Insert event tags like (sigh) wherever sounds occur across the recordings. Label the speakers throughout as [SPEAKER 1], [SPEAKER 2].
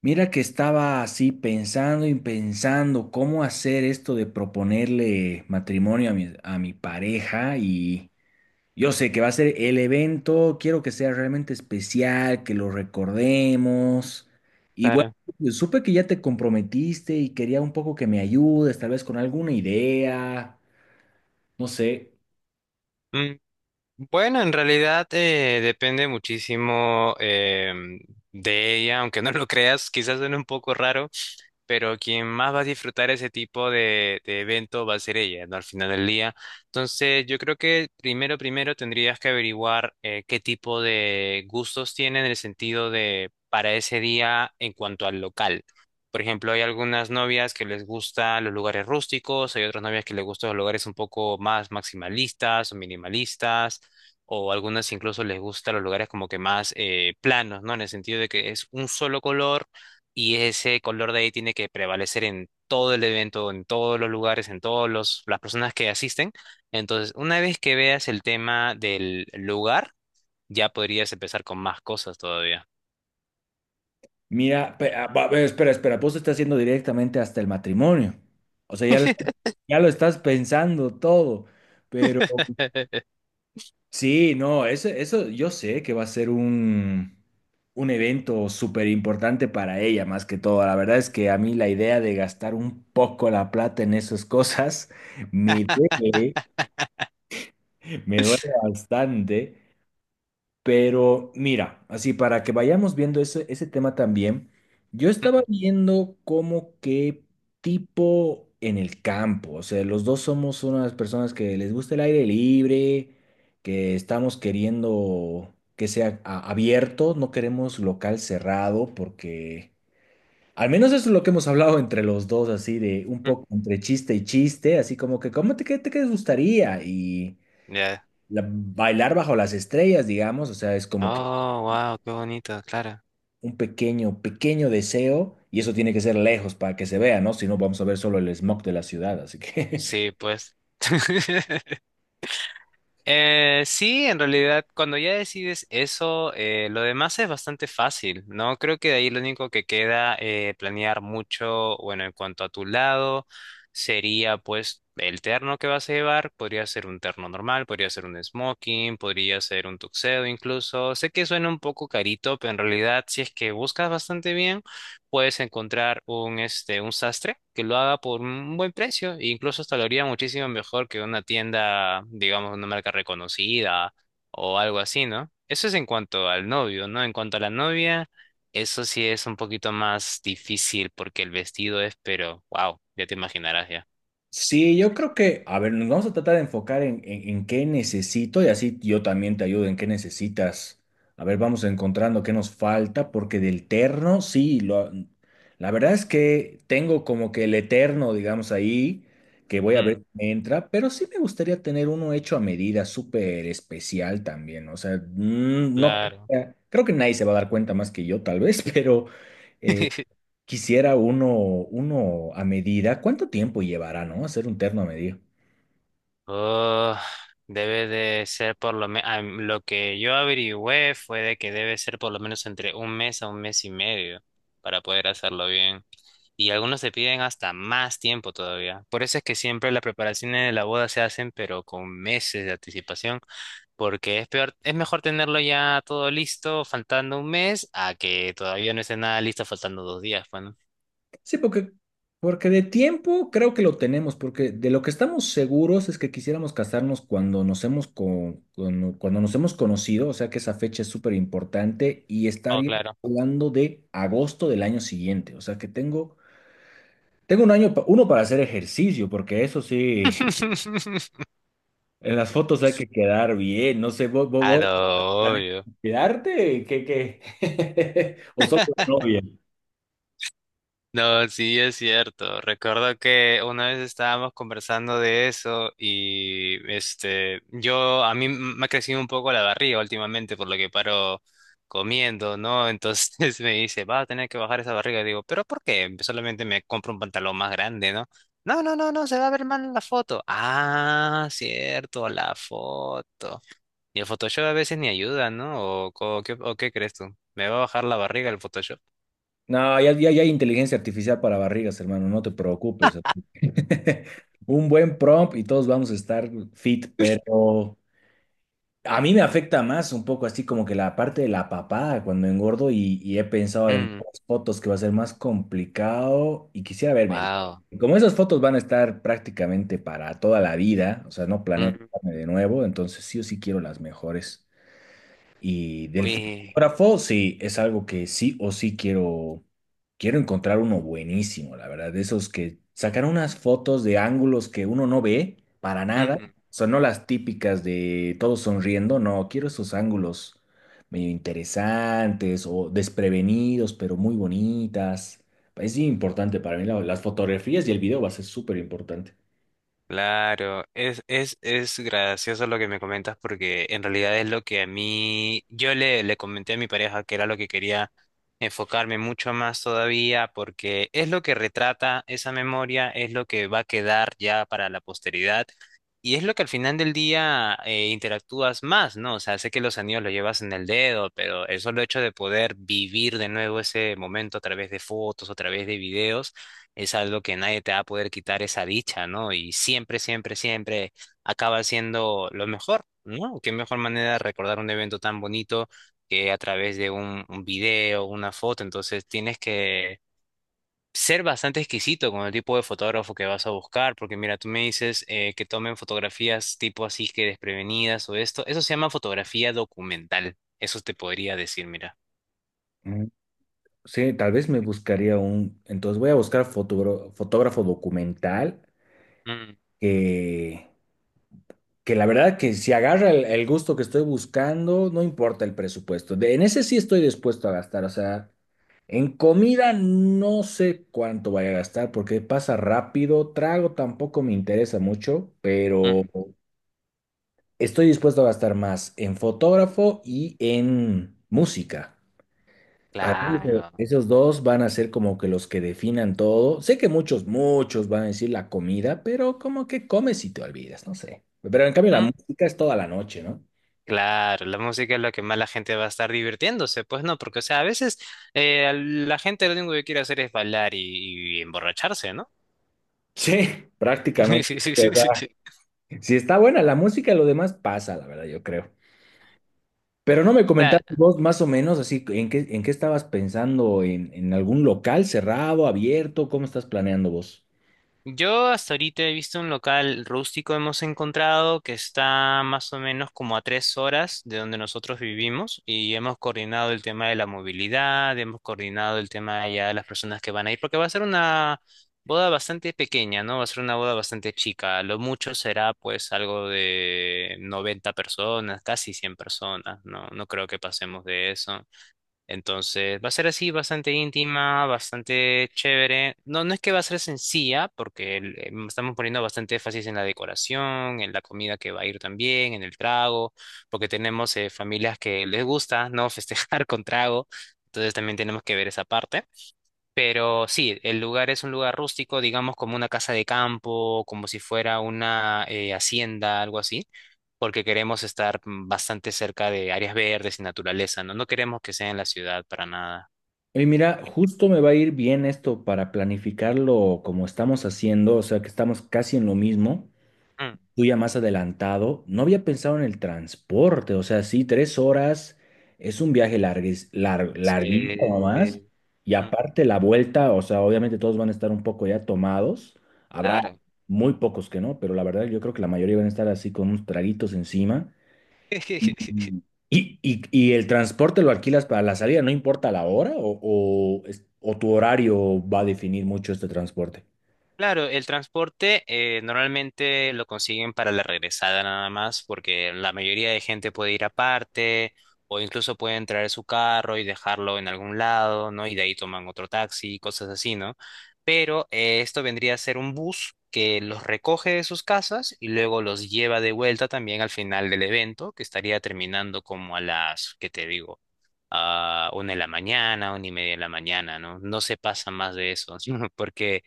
[SPEAKER 1] Mira que estaba así pensando y pensando cómo hacer esto de proponerle matrimonio a mi pareja, y yo sé que va a ser el evento. Quiero que sea realmente especial, que lo recordemos. Y bueno,
[SPEAKER 2] Claro.
[SPEAKER 1] pues, supe que ya te comprometiste y quería un poco que me ayudes, tal vez con alguna idea. No sé.
[SPEAKER 2] Mm, Bueno, en realidad depende muchísimo de ella, aunque no lo creas, quizás suene un poco raro. Pero quien más va a disfrutar ese tipo de evento va a ser ella, ¿no? Al final del día. Entonces, yo creo que primero tendrías que averiguar qué tipo de gustos tiene en el sentido de para ese día en cuanto al local. Por ejemplo, hay algunas novias que les gustan los lugares rústicos, hay otras novias que les gustan los lugares un poco más maximalistas o minimalistas, o algunas incluso les gustan los lugares como que más planos, ¿no? En el sentido de que es un solo color y ese color de ahí tiene que prevalecer en todo el evento, en todos los lugares, en todos los las personas que asisten. Entonces, una vez que veas el tema del lugar, ya podrías empezar con más cosas todavía.
[SPEAKER 1] Mira, a ver, espera, espera, vos te estás haciendo directamente hasta el matrimonio. O sea, ya lo estás pensando todo, pero.
[SPEAKER 2] (laughs)
[SPEAKER 1] Sí, no, eso yo sé que va a ser un evento súper importante para ella, más que todo. La verdad es que a mí la idea de gastar un poco la plata en esas (laughs) cosas me duele, me duele bastante. Pero mira, así para que vayamos viendo ese tema también, yo estaba
[SPEAKER 2] Mm,
[SPEAKER 1] viendo como qué tipo en el campo. O sea, los dos somos unas personas que les gusta el aire libre, que estamos queriendo que sea abierto, no queremos local cerrado, porque al menos eso es lo que hemos hablado entre los dos, así de un
[SPEAKER 2] mm,
[SPEAKER 1] poco entre chiste y chiste, así como que ¿cómo te, qué te qué te gustaría? Y
[SPEAKER 2] Ya.
[SPEAKER 1] bailar bajo las estrellas, digamos. O sea, es como que
[SPEAKER 2] Oh, wow, qué bonito, claro.
[SPEAKER 1] un pequeño, pequeño deseo, y eso tiene que ser lejos para que se vea, ¿no? Si no, vamos a ver solo el smog de la ciudad, así que.
[SPEAKER 2] Sí, pues. (laughs) Sí, en realidad, cuando ya decides eso, lo demás es bastante fácil, ¿no? Creo que de ahí lo único que queda planear mucho, bueno, en cuanto a tu lado, sería pues el terno que vas a llevar, podría ser un terno normal, podría ser un smoking, podría ser un tuxedo incluso. Sé que suena un poco carito, pero en realidad, si es que buscas bastante bien puedes encontrar este, un sastre que lo haga por un buen precio e incluso hasta lo haría muchísimo mejor que una tienda, digamos, una marca reconocida o algo así, ¿no? Eso es en cuanto al novio, ¿no? En cuanto a la novia, eso sí es un poquito más difícil porque el vestido es, pero, wow, ya te imaginarás ya.
[SPEAKER 1] Sí, yo creo que, a ver, nos vamos a tratar de enfocar en, en qué necesito, y así yo también te ayudo en qué necesitas. A ver, vamos encontrando qué nos falta, porque del terno, sí, la verdad es que tengo como que el eterno, digamos, ahí, que voy a ver
[SPEAKER 2] Mm,
[SPEAKER 1] si me entra, pero sí me gustaría tener uno hecho a medida, súper especial también. O sea, no,
[SPEAKER 2] claro.
[SPEAKER 1] creo que nadie se va a dar cuenta más que yo, tal vez, (laughs) pero. eh,
[SPEAKER 2] (laughs)
[SPEAKER 1] Quisiera uno a medida. ¿Cuánto tiempo llevará, no? Hacer un terno a medida.
[SPEAKER 2] Oh, debe de ser por lo menos, lo que yo averigüé fue de que debe ser por lo menos entre un mes a un mes y medio para poder hacerlo bien. Y algunos te piden hasta más tiempo todavía. Por eso es que siempre las preparaciones de la boda se hacen, pero con meses de anticipación, porque es peor, es mejor tenerlo ya todo listo faltando un mes a que todavía no esté nada listo faltando dos días, pues, ¿no?
[SPEAKER 1] Sí, porque de tiempo creo que lo tenemos, porque de lo que estamos seguros es que quisiéramos casarnos cuando nos hemos conocido. O sea, que esa fecha es súper importante y
[SPEAKER 2] Oh,
[SPEAKER 1] estaría
[SPEAKER 2] claro.
[SPEAKER 1] hablando de agosto del año siguiente. O sea, que tengo un año, uno para hacer ejercicio, porque eso sí,
[SPEAKER 2] (laughs)
[SPEAKER 1] en las fotos hay que quedar bien. No sé, vos,
[SPEAKER 2] Ah, no,
[SPEAKER 1] ¿planeas
[SPEAKER 2] obvio.
[SPEAKER 1] cuidarte? ¿Qué, qué? (laughs) ¿O solo la novia?
[SPEAKER 2] No, sí es cierto. Recuerdo que una vez estábamos conversando de eso y este, yo a me ha crecido un poco la barriga últimamente por lo que paro comiendo, ¿no? Entonces (laughs) me dice, va a tener que bajar esa barriga. Digo, ¿pero por qué? Pues, solamente me compro un pantalón más grande, ¿no? No, se va a ver mal en la foto. Ah, cierto, la foto. Y el Photoshop a veces ni ayuda, ¿no? ¿O, qué crees tú? ¿Me va a bajar la barriga el Photoshop?
[SPEAKER 1] No, ya, ya, ya hay inteligencia artificial para barrigas, hermano, no te preocupes. (laughs) Un buen prompt y todos vamos a estar fit, pero a mí me afecta más un poco así como que la parte de la papada cuando engordo, y he pensado en
[SPEAKER 2] Mm,
[SPEAKER 1] pocas fotos que va a ser más complicado y quisiera verme bien.
[SPEAKER 2] wow.
[SPEAKER 1] Como esas fotos van a estar prácticamente para toda la vida, o sea, no planeo quitarme de nuevo, entonces sí o sí quiero las mejores. Y del
[SPEAKER 2] Uy,
[SPEAKER 1] fotógrafo, sí, es algo que sí o sí quiero, encontrar uno buenísimo, la verdad, de esos que sacan unas fotos de ángulos que uno no ve para nada,
[SPEAKER 2] mm,
[SPEAKER 1] son no las típicas de todos sonriendo. No, quiero esos ángulos medio interesantes o desprevenidos, pero muy bonitas. Es importante para mí, las fotografías y el video va a ser súper importante.
[SPEAKER 2] claro, es gracioso lo que me comentas porque en realidad es lo que a mí, le comenté a mi pareja que era lo que quería enfocarme mucho más todavía porque es lo que retrata esa memoria, es lo que va a quedar ya para la posteridad y es lo que al final del día interactúas más, ¿no? O sea, sé que los anillos los llevas en el dedo, pero el solo hecho de poder vivir de nuevo ese momento a través de fotos, a través de videos es algo que nadie te va a poder quitar esa dicha, ¿no? Y siempre, siempre, siempre acaba siendo lo mejor, ¿no? Qué mejor manera de recordar un evento tan bonito que a través de un video, una foto. Entonces tienes que ser bastante exquisito con el tipo de fotógrafo que vas a buscar, porque mira, tú me dices que tomen fotografías tipo así que desprevenidas o esto. Eso se llama fotografía documental. Eso te podría decir, mira.
[SPEAKER 1] Mm, sí, tal vez me buscaría entonces voy a buscar fotógrafo, fotógrafo documental
[SPEAKER 2] Mm,
[SPEAKER 1] que, que la verdad que si agarra el gusto que estoy buscando, no importa el presupuesto. En ese sí estoy dispuesto a gastar. O sea, en comida no sé cuánto vaya a gastar porque pasa rápido. Trago tampoco me interesa mucho, pero
[SPEAKER 2] mm,
[SPEAKER 1] estoy dispuesto a gastar más en fotógrafo y en música. Para mí,
[SPEAKER 2] claro.
[SPEAKER 1] esos dos van a ser como que los que definan todo. Sé que muchos, muchos van a decir la comida, pero como que comes y te olvidas, no sé. Pero en cambio la música es toda la noche, ¿no?
[SPEAKER 2] Claro, la música es lo que más la gente va a estar divirtiéndose, pues no, porque o sea, a veces la gente lo único que quiere hacer es bailar y emborracharse, ¿no?
[SPEAKER 1] Sí,
[SPEAKER 2] (laughs)
[SPEAKER 1] prácticamente.
[SPEAKER 2] Sí, sí, sí,
[SPEAKER 1] O
[SPEAKER 2] sí, sí.
[SPEAKER 1] sea, si está buena la música, lo demás pasa, la verdad, yo creo. Pero no me comentaste vos más o menos así, ¿en qué estabas pensando? ¿En algún local cerrado, abierto? ¿Cómo estás planeando vos?
[SPEAKER 2] Yo hasta ahorita he visto un local rústico, hemos encontrado que está más o menos como a tres horas de donde nosotros vivimos y hemos coordinado el tema de la movilidad, hemos coordinado el tema ya de las personas que van a ir, porque va a ser una boda bastante pequeña, ¿no? Va a ser una boda bastante chica, lo mucho será pues algo de 90 personas, casi 100 personas, ¿no? No creo que pasemos de eso. Entonces, va a ser así, bastante íntima, bastante chévere. No, no es que va a ser sencilla, porque estamos poniendo bastante énfasis en la decoración, en la comida que va a ir también, en el trago, porque tenemos familias que les gusta, ¿no? (laughs) Festejar con trago. Entonces también tenemos que ver esa parte. Pero sí, el lugar es un lugar rústico, digamos como una casa de campo, como si fuera una hacienda, algo así, porque queremos estar bastante cerca de áreas verdes y naturaleza, ¿no? No queremos que sea en la ciudad para nada.
[SPEAKER 1] Y mira, justo me va a ir bien esto para planificarlo como estamos haciendo, o sea que estamos casi en lo mismo,
[SPEAKER 2] Mm,
[SPEAKER 1] tú ya más adelantado. No había pensado en el transporte. O sea, sí, 3 horas es un viaje larguísimo más,
[SPEAKER 2] Sí,
[SPEAKER 1] y
[SPEAKER 2] mm,
[SPEAKER 1] aparte la vuelta. O sea, obviamente todos van a estar un poco ya tomados, habrá
[SPEAKER 2] claro.
[SPEAKER 1] muy pocos que no, pero la verdad yo creo que la mayoría van a estar así con unos traguitos encima.
[SPEAKER 2] (laughs)
[SPEAKER 1] ¿Y el transporte lo alquilas para la salida? ¿No importa la hora o, o tu horario va a definir mucho este transporte?
[SPEAKER 2] Claro, el transporte normalmente lo consiguen para la regresada nada más, porque la mayoría de gente puede ir aparte o incluso pueden traer su carro y dejarlo en algún lado, ¿no? Y de ahí toman otro taxi, cosas así, ¿no? Pero esto vendría a ser un bus que los recoge de sus casas y luego los lleva de vuelta también al final del evento, que estaría terminando como a las, ¿qué te digo? A una de la mañana, una y media de la mañana, ¿no? No se pasa más de eso, (laughs) porque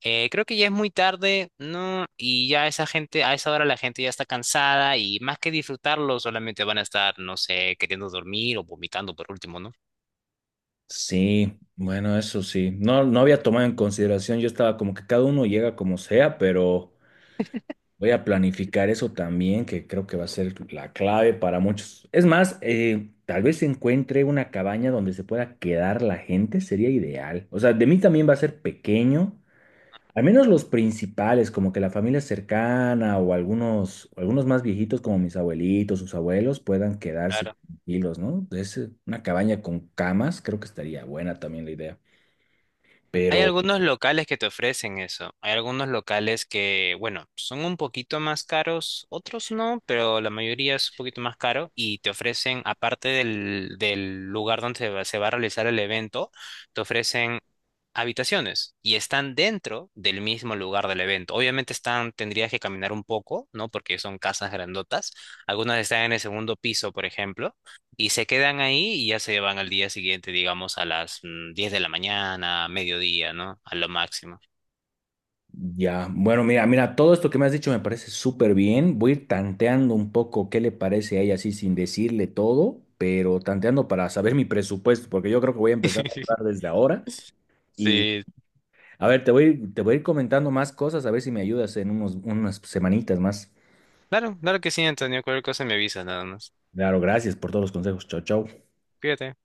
[SPEAKER 2] creo que ya es muy tarde, ¿no? Y ya esa gente, a esa hora la gente ya está cansada y más que disfrutarlo, solamente van a estar, no sé, queriendo dormir o vomitando por último, ¿no?
[SPEAKER 1] Sí, bueno, eso sí. No, no había tomado en consideración. Yo estaba como que cada uno llega como sea, pero voy a planificar eso también, que creo que va a ser la clave para muchos. Es más, tal vez encuentre una cabaña donde se pueda quedar la gente, sería ideal. O sea, de mí también va a ser pequeño. Al menos los principales, como que la familia cercana o algunos más viejitos como mis abuelitos, sus abuelos, puedan quedarse tranquilos, ¿no? Es una cabaña con camas, creo que estaría buena también la idea.
[SPEAKER 2] Hay
[SPEAKER 1] Pero
[SPEAKER 2] algunos locales que te ofrecen eso. Hay algunos locales que, bueno, son un poquito más caros, otros no, pero la mayoría es un poquito más caro y te ofrecen, aparte del lugar donde se va a realizar el evento, te ofrecen habitaciones y están dentro del mismo lugar del evento. Obviamente están, tendrías que caminar un poco, ¿no? Porque son casas grandotas. Algunas están en el segundo piso, por ejemplo, y se quedan ahí y ya se van al día siguiente, digamos, a las 10 de la mañana, mediodía, ¿no? A lo máximo.
[SPEAKER 1] ya, bueno, mira, mira, todo esto que me has dicho me parece súper bien. Voy a ir tanteando un poco qué le parece a ella así sin decirle todo, pero tanteando para saber mi presupuesto, porque yo creo que voy a empezar a hablar
[SPEAKER 2] (laughs)
[SPEAKER 1] desde ahora. Y
[SPEAKER 2] Sí,
[SPEAKER 1] a ver, te voy a ir comentando más cosas, a ver si me ayudas en unas semanitas más.
[SPEAKER 2] claro, claro que sí, Antonio. Cualquier cosa me avisas nada más.
[SPEAKER 1] Claro, gracias por todos los consejos. Chao, chao.
[SPEAKER 2] Cuídate.